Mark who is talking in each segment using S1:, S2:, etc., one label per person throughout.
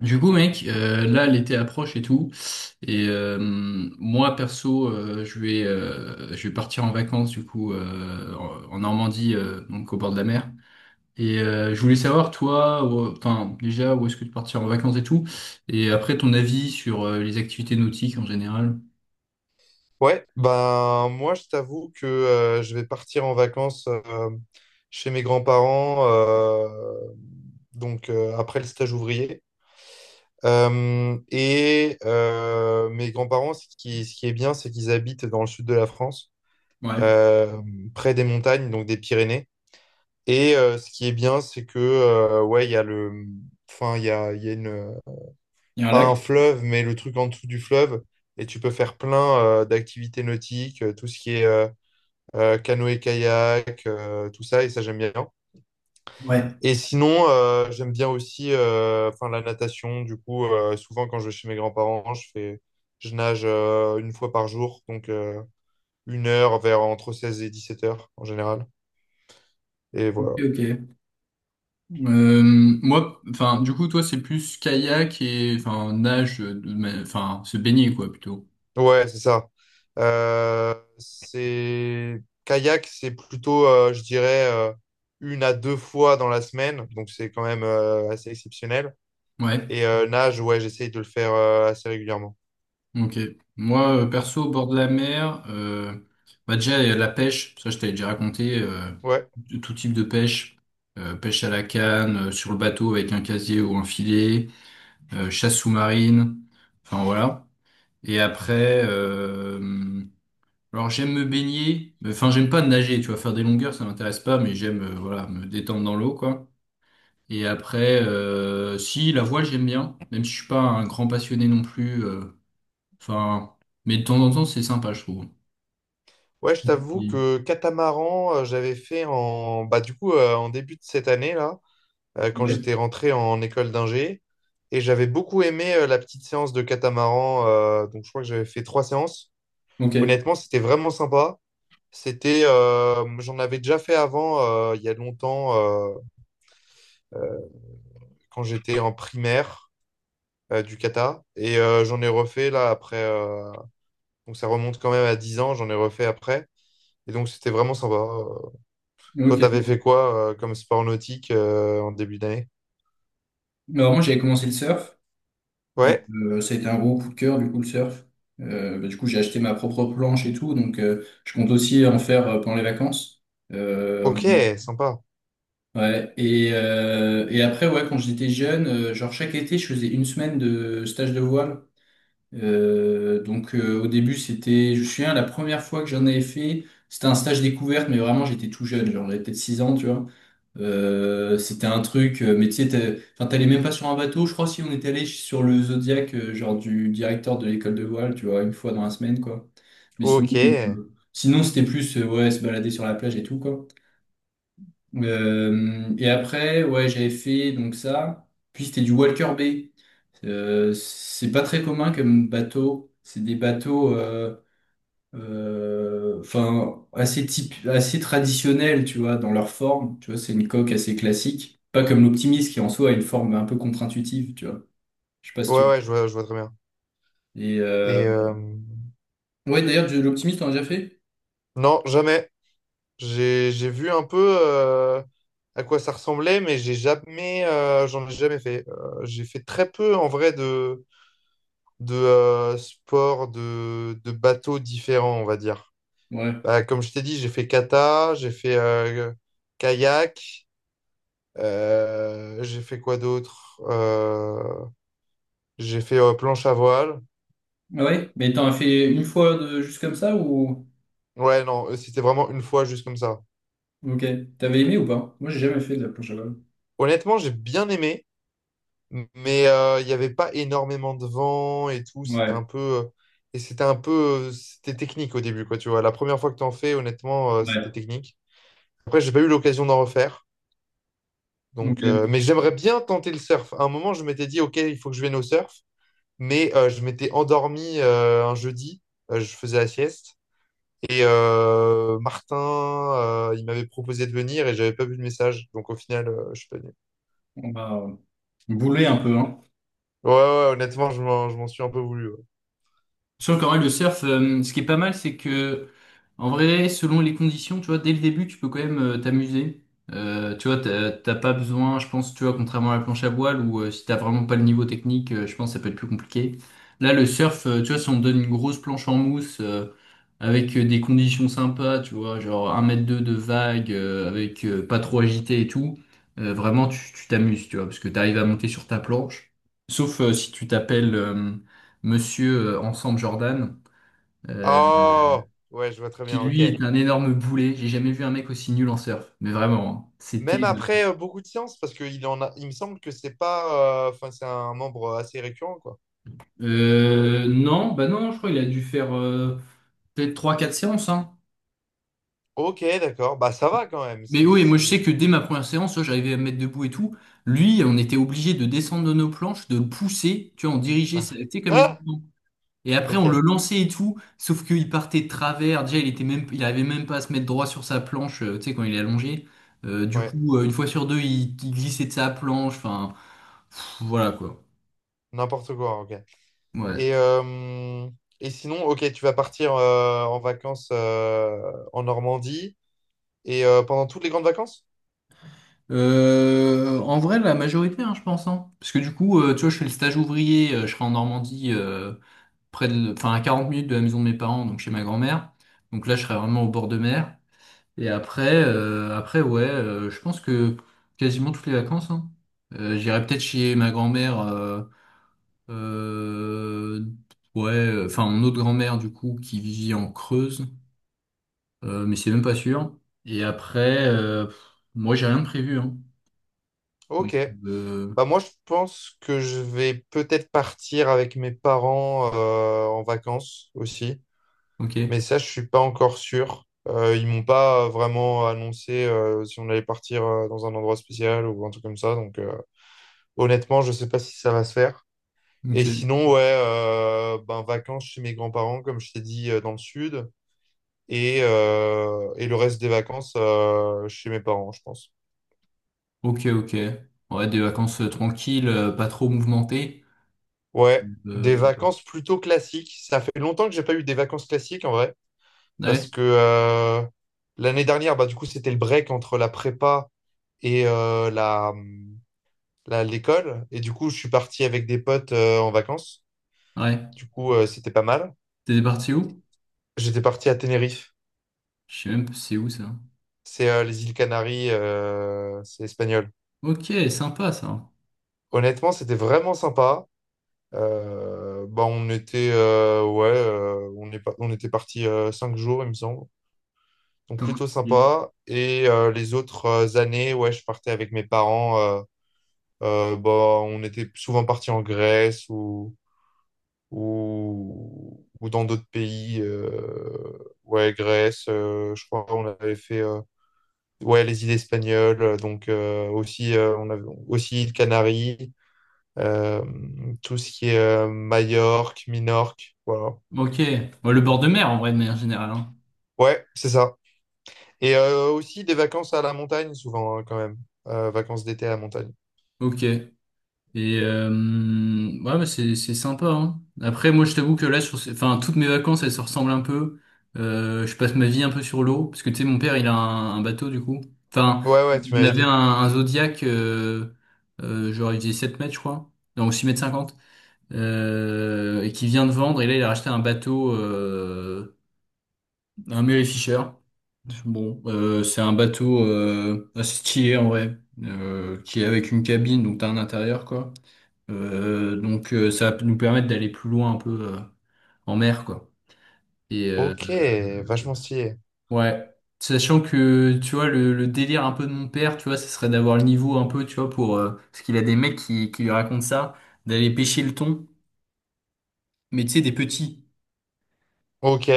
S1: Du coup, mec, là, l'été approche et tout. Et euh, Moi, perso, je vais partir en vacances, du coup, en Normandie, donc au bord de la mer. Je voulais savoir, toi, enfin, déjà, où est-ce que tu partirais en vacances et tout. Et après, ton avis sur les activités nautiques en général.
S2: Ouais, ben moi je t'avoue que je vais partir en vacances chez mes grands-parents donc après le stage ouvrier. Et mes grands-parents, ce qui est bien, c'est qu'ils habitent dans le sud de la France,
S1: Ouais,
S2: euh, près des montagnes, donc des Pyrénées. Et ce qui est bien, c'est que ouais, il y a enfin il y a une,
S1: il y a un
S2: pas
S1: lac.
S2: un fleuve, mais le truc en dessous du fleuve, et tu peux faire plein d'activités nautiques, tout ce qui est canoë-kayak, tout ça, et ça, j'aime bien.
S1: Ouais.
S2: Et sinon, j'aime bien aussi enfin, la natation. Du coup, souvent, quand je vais chez mes grands-parents, je nage une fois par jour, donc 1 heure vers entre 16 et 17 heures en général. Et
S1: Ok,
S2: voilà.
S1: ok. Euh, Moi, enfin, du coup, toi, c'est plus kayak et enfin nage, enfin se baigner quoi plutôt.
S2: Ouais, c'est ça. C'est kayak, c'est plutôt, je dirais, une à deux fois dans la semaine, donc c'est quand même assez exceptionnel.
S1: Ouais.
S2: Et nage, ouais, j'essaye de le faire assez régulièrement.
S1: Ok. Moi, perso, au bord de la mer, bah déjà la pêche, ça je t'avais déjà raconté,
S2: Ouais.
S1: de tout type de pêche, pêche à la canne, sur le bateau avec un casier ou un filet, chasse sous-marine, enfin voilà. Et après, alors j'aime me baigner, enfin j'aime pas nager, tu vois, faire des longueurs, ça m'intéresse pas, mais j'aime voilà me détendre dans l'eau quoi. Et après, si la voile j'aime bien, même si je suis pas un grand passionné non plus. Enfin, mais de temps en temps, c'est sympa, je trouve. Je
S2: Ouais, je
S1: pense
S2: t'avoue
S1: qu'il-
S2: que catamaran, j'avais fait en bah du coup en début de cette année là, quand
S1: Ouais.
S2: j'étais rentré en école d'ingé, et j'avais beaucoup aimé la petite séance de catamaran. Donc je crois que j'avais fait trois séances.
S1: Ok,
S2: Honnêtement, c'était vraiment sympa. C'était, j'en avais déjà fait avant il y a longtemps euh, euh, quand j'étais en primaire du kata, et j'en ai refait là après. Donc ça remonte quand même à 10 ans, j'en ai refait après, et donc c'était vraiment sympa. Toi, t'avais
S1: ok.
S2: fait quoi comme sport nautique en début d'année?
S1: Alors moi j'avais commencé le surf et
S2: Ouais,
S1: ça a été un gros coup de cœur du coup le surf. Bah, du coup j'ai acheté ma propre planche et tout, donc je compte aussi en faire pendant les vacances. Euh, en-
S2: ok, sympa.
S1: ouais. Et après ouais quand j'étais jeune, genre chaque été je faisais une semaine de stage de voile. Donc au début c'était, je me souviens, la première fois que j'en avais fait, c'était un stage découverte, mais vraiment j'étais tout jeune, genre j'avais peut-être 6 ans, tu vois. C'était un truc, mais tu sais, enfin, t'allais même pas sur un bateau, je crois si on était allé sur le Zodiac, genre du directeur de l'école de voile, tu vois, une fois dans la semaine, quoi. Mais sinon,
S2: Ok. Ouais,
S1: sinon c'était plus, ouais, se balader sur la plage et tout, quoi. Et après, ouais, j'avais fait donc ça, puis c'était du Walker Bay. C'est pas très commun comme bateau. C'est des bateaux, enfin, assez type, assez traditionnels, tu vois, dans leur forme. Tu vois, c'est une coque assez classique. Pas comme l'optimiste qui en soi a une forme un peu contre-intuitive, tu vois. Je sais pas si tu. Vois.
S2: ouais, je vois très bien.
S1: Et euh,
S2: Et
S1: ouais, d'ailleurs, de l'Optimist, t'en as déjà fait?
S2: non, jamais. J'ai vu un peu à quoi ça ressemblait, mais j'ai jamais, j'en ai jamais fait. J'ai fait très peu en vrai de sports de bateaux différents, on va dire.
S1: Ouais.
S2: Bah, comme je t'ai dit, j'ai fait kata, j'ai fait kayak, j'ai fait quoi d'autre? J'ai fait planche à voile.
S1: Ah ouais, mais t'en as fait une fois de... juste comme ça ou.
S2: Ouais, non, c'était vraiment une fois juste comme ça.
S1: Ok. T'avais aimé ou pas? Moi, j'ai jamais fait de la planche à voile.
S2: Honnêtement, j'ai bien aimé, mais il n'y avait pas énormément de vent et tout. C'était un
S1: Ouais,
S2: peu. Et c'était un peu. C'était technique au début, quoi, tu vois. La première fois que t'en fais, honnêtement, c'était
S1: ouais.
S2: technique. Après, j'ai pas eu l'occasion d'en refaire. Donc,
S1: Ok.
S2: mais j'aimerais bien tenter le surf. À un moment, je m'étais dit, OK, il faut que je vienne au surf. Mais je m'étais endormi un jeudi. Je faisais la sieste. Et Martin, il m'avait proposé de venir et j'avais pas vu le message. Donc au final, je suis pas venu.
S1: On va bouler un peu, hein.
S2: Ouais, ouais, ouais, honnêtement, je m'en suis un peu voulu. Ouais.
S1: Sur quand même le surf, ce qui est pas mal, c'est que en vrai, selon les conditions, tu vois, dès le début, tu peux quand même t'amuser. Tu vois, t'as pas besoin, je pense, tu vois, contrairement à la planche à voile, où si t'as vraiment pas le niveau technique, je pense que ça peut être plus compliqué. Là, le surf, tu vois, si on te donne une grosse planche en mousse, avec des conditions sympas, tu vois, genre un mètre 2 de vague, avec pas trop agité et tout, vraiment, tu t'amuses, tu vois, parce que t'arrives à monter sur ta planche. Sauf si tu t'appelles Monsieur Ensemble Jordan, euh,
S2: Oh! Ouais, je vois très
S1: qui
S2: bien, ok.
S1: lui est un énorme boulet. J'ai jamais vu un mec aussi nul en surf. Mais vraiment, hein. C'était.
S2: Même après beaucoup de séances, parce qu'il en a, il me semble que c'est pas, enfin, c'est un membre assez récurrent, quoi.
S1: Non, bah non, je crois qu'il a dû faire peut-être trois quatre séances. Hein.
S2: Ok, d'accord. Bah, ça va quand même.
S1: Mais oui, moi je sais
S2: C'est...
S1: que dès ma première séance, ouais, j'arrivais à me mettre debout et tout. Lui, on était obligé de descendre de nos planches, de le pousser, tu vois, on dirigeait, tu sais, comme les.
S2: Ah!
S1: Et après,
S2: Ok,
S1: on le lançait et tout, sauf qu'il partait de travers. Déjà, il était même, il arrivait même pas à se mettre droit sur sa planche, tu sais, quand il est allongé. Du
S2: ouais.
S1: coup, une fois sur deux, il glissait de sa planche. Enfin, pff, voilà quoi.
S2: N'importe quoi, ok.
S1: Ouais.
S2: Et, euh, et sinon, ok, tu vas partir en vacances en Normandie. Et pendant toutes les grandes vacances?
S1: En vrai, la majorité, hein, je pense. Hein. Parce que du coup, tu vois, je fais le stage ouvrier, je serai en Normandie, près de, enfin, à 40 minutes de la maison de mes parents, donc chez ma grand-mère. Donc là, je serai vraiment au bord de mer. Et après, après ouais, je pense que quasiment toutes les vacances, hein. J'irai peut-être chez ma grand-mère, euh, ouais, enfin mon autre grand-mère du coup qui vit en Creuse, mais c'est même pas sûr. Et après, pff, moi j'ai rien de prévu, hein. Donc,
S2: Ok.
S1: euh,
S2: Bah moi, je pense que je vais peut-être partir avec mes parents en vacances aussi. Mais
S1: ok,
S2: ça, je suis pas encore sûr. Ils m'ont pas vraiment annoncé si on allait partir dans un endroit spécial ou un truc comme ça. Donc honnêtement, je sais pas si ça va se faire. Et
S1: ok,
S2: sinon, ouais, ben, vacances chez mes grands-parents, comme je t'ai dit, dans le sud. Et le reste des vacances chez mes parents, je pense.
S1: ok, ok. Ouais, des vacances tranquilles, pas trop mouvementées.
S2: Ouais, des
S1: Euh,
S2: vacances plutôt classiques. Ça fait longtemps que j'ai pas eu des vacances classiques en vrai, parce
S1: ouais,
S2: que l'année dernière, bah, du coup, c'était le break entre la prépa et l'école. Et du coup, je suis parti avec des potes en vacances.
S1: ouais.
S2: Du coup, c'était pas mal.
S1: T'es parti où?
S2: J'étais parti à Tenerife.
S1: Je sais même pas c'est où ça.
S2: C'est les îles Canaries, c'est espagnol.
S1: Ok, sympa ça.
S2: Honnêtement, c'était vraiment sympa. Bah, on était, ouais, on était parti 5 jours, il me semble. Donc plutôt
S1: C'est?
S2: sympa. Et les autres années, ouais, je partais avec mes parents. Bah, on était souvent partis en Grèce ou dans d'autres pays. Ouais, Grèce, je crois on avait fait ouais, les îles espagnoles. Donc aussi, on avait aussi îles Canaries, euh, tout ce qui est Majorque, Minorque. Voilà.
S1: Ok. Bon, le bord de mer, en vrai, de manière générale. Hein.
S2: Ouais, c'est ça. Et aussi des vacances à la montagne souvent hein, quand même. Vacances d'été à la montagne.
S1: Ok. Et euh, ouais, mais c'est sympa. Hein. Après, moi, je t'avoue que là, enfin, toutes mes vacances, elles se ressemblent un peu. Je passe ma vie un peu sur l'eau, parce que tu sais, mon père, il a un bateau du coup. Enfin,
S2: Ouais, ouais, tu
S1: on
S2: m'avais
S1: avait
S2: dit.
S1: un Zodiac, genre il faisait 7 mètres, je crois, donc 6 mètres 50, et qui vient de vendre. Et là, il a racheté un bateau. Un Mary Fisher. Bon, c'est un bateau assez stylé en vrai, qui est avec une cabine, donc t'as un intérieur quoi. Donc ça va nous permettre d'aller plus loin un peu en mer quoi. Et euh,
S2: Ok, vachement stylé.
S1: ouais, sachant que tu vois le délire un peu de mon père, tu vois, ce serait d'avoir le niveau un peu, tu vois, pour parce qu'il a des mecs qui lui racontent ça, d'aller pêcher le thon, mais tu sais des petits.
S2: Ok,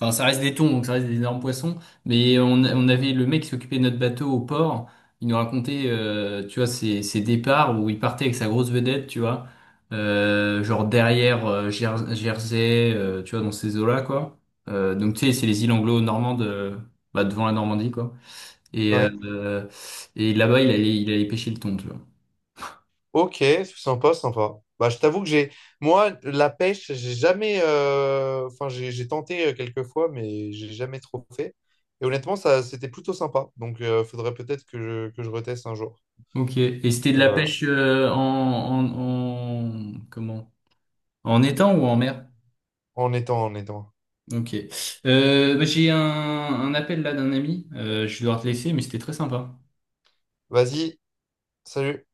S1: Enfin, ça reste des thons, donc ça reste des énormes poissons. Mais on avait le mec qui s'occupait de notre bateau au port. Il nous racontait, tu vois, ses départs où il partait avec sa grosse vedette, tu vois. Genre derrière Jersey, tu vois, dans ces eaux-là, quoi. Donc, tu sais, c'est les îles anglo-normandes, bah, devant la Normandie, quoi. Et,
S2: ouais.
S1: euh, et là-bas, il allait pêcher le thon, tu vois.
S2: Ok, sympa, sympa. Bah, je t'avoue que j'ai... Moi, la pêche, j'ai jamais... Enfin, j'ai tenté quelques fois, mais j'ai jamais trop fait. Et honnêtement, ça, c'était plutôt sympa. Donc, faudrait peut-être que je reteste un jour.
S1: Ok. Et c'était de
S2: Et
S1: la
S2: voilà.
S1: pêche en... Comment? En étang ou en mer?
S2: En étant, en étant.
S1: Ok. Bah, j'ai un appel là d'un ami. Je vais devoir te laisser, mais c'était très sympa.
S2: Vas-y, salut.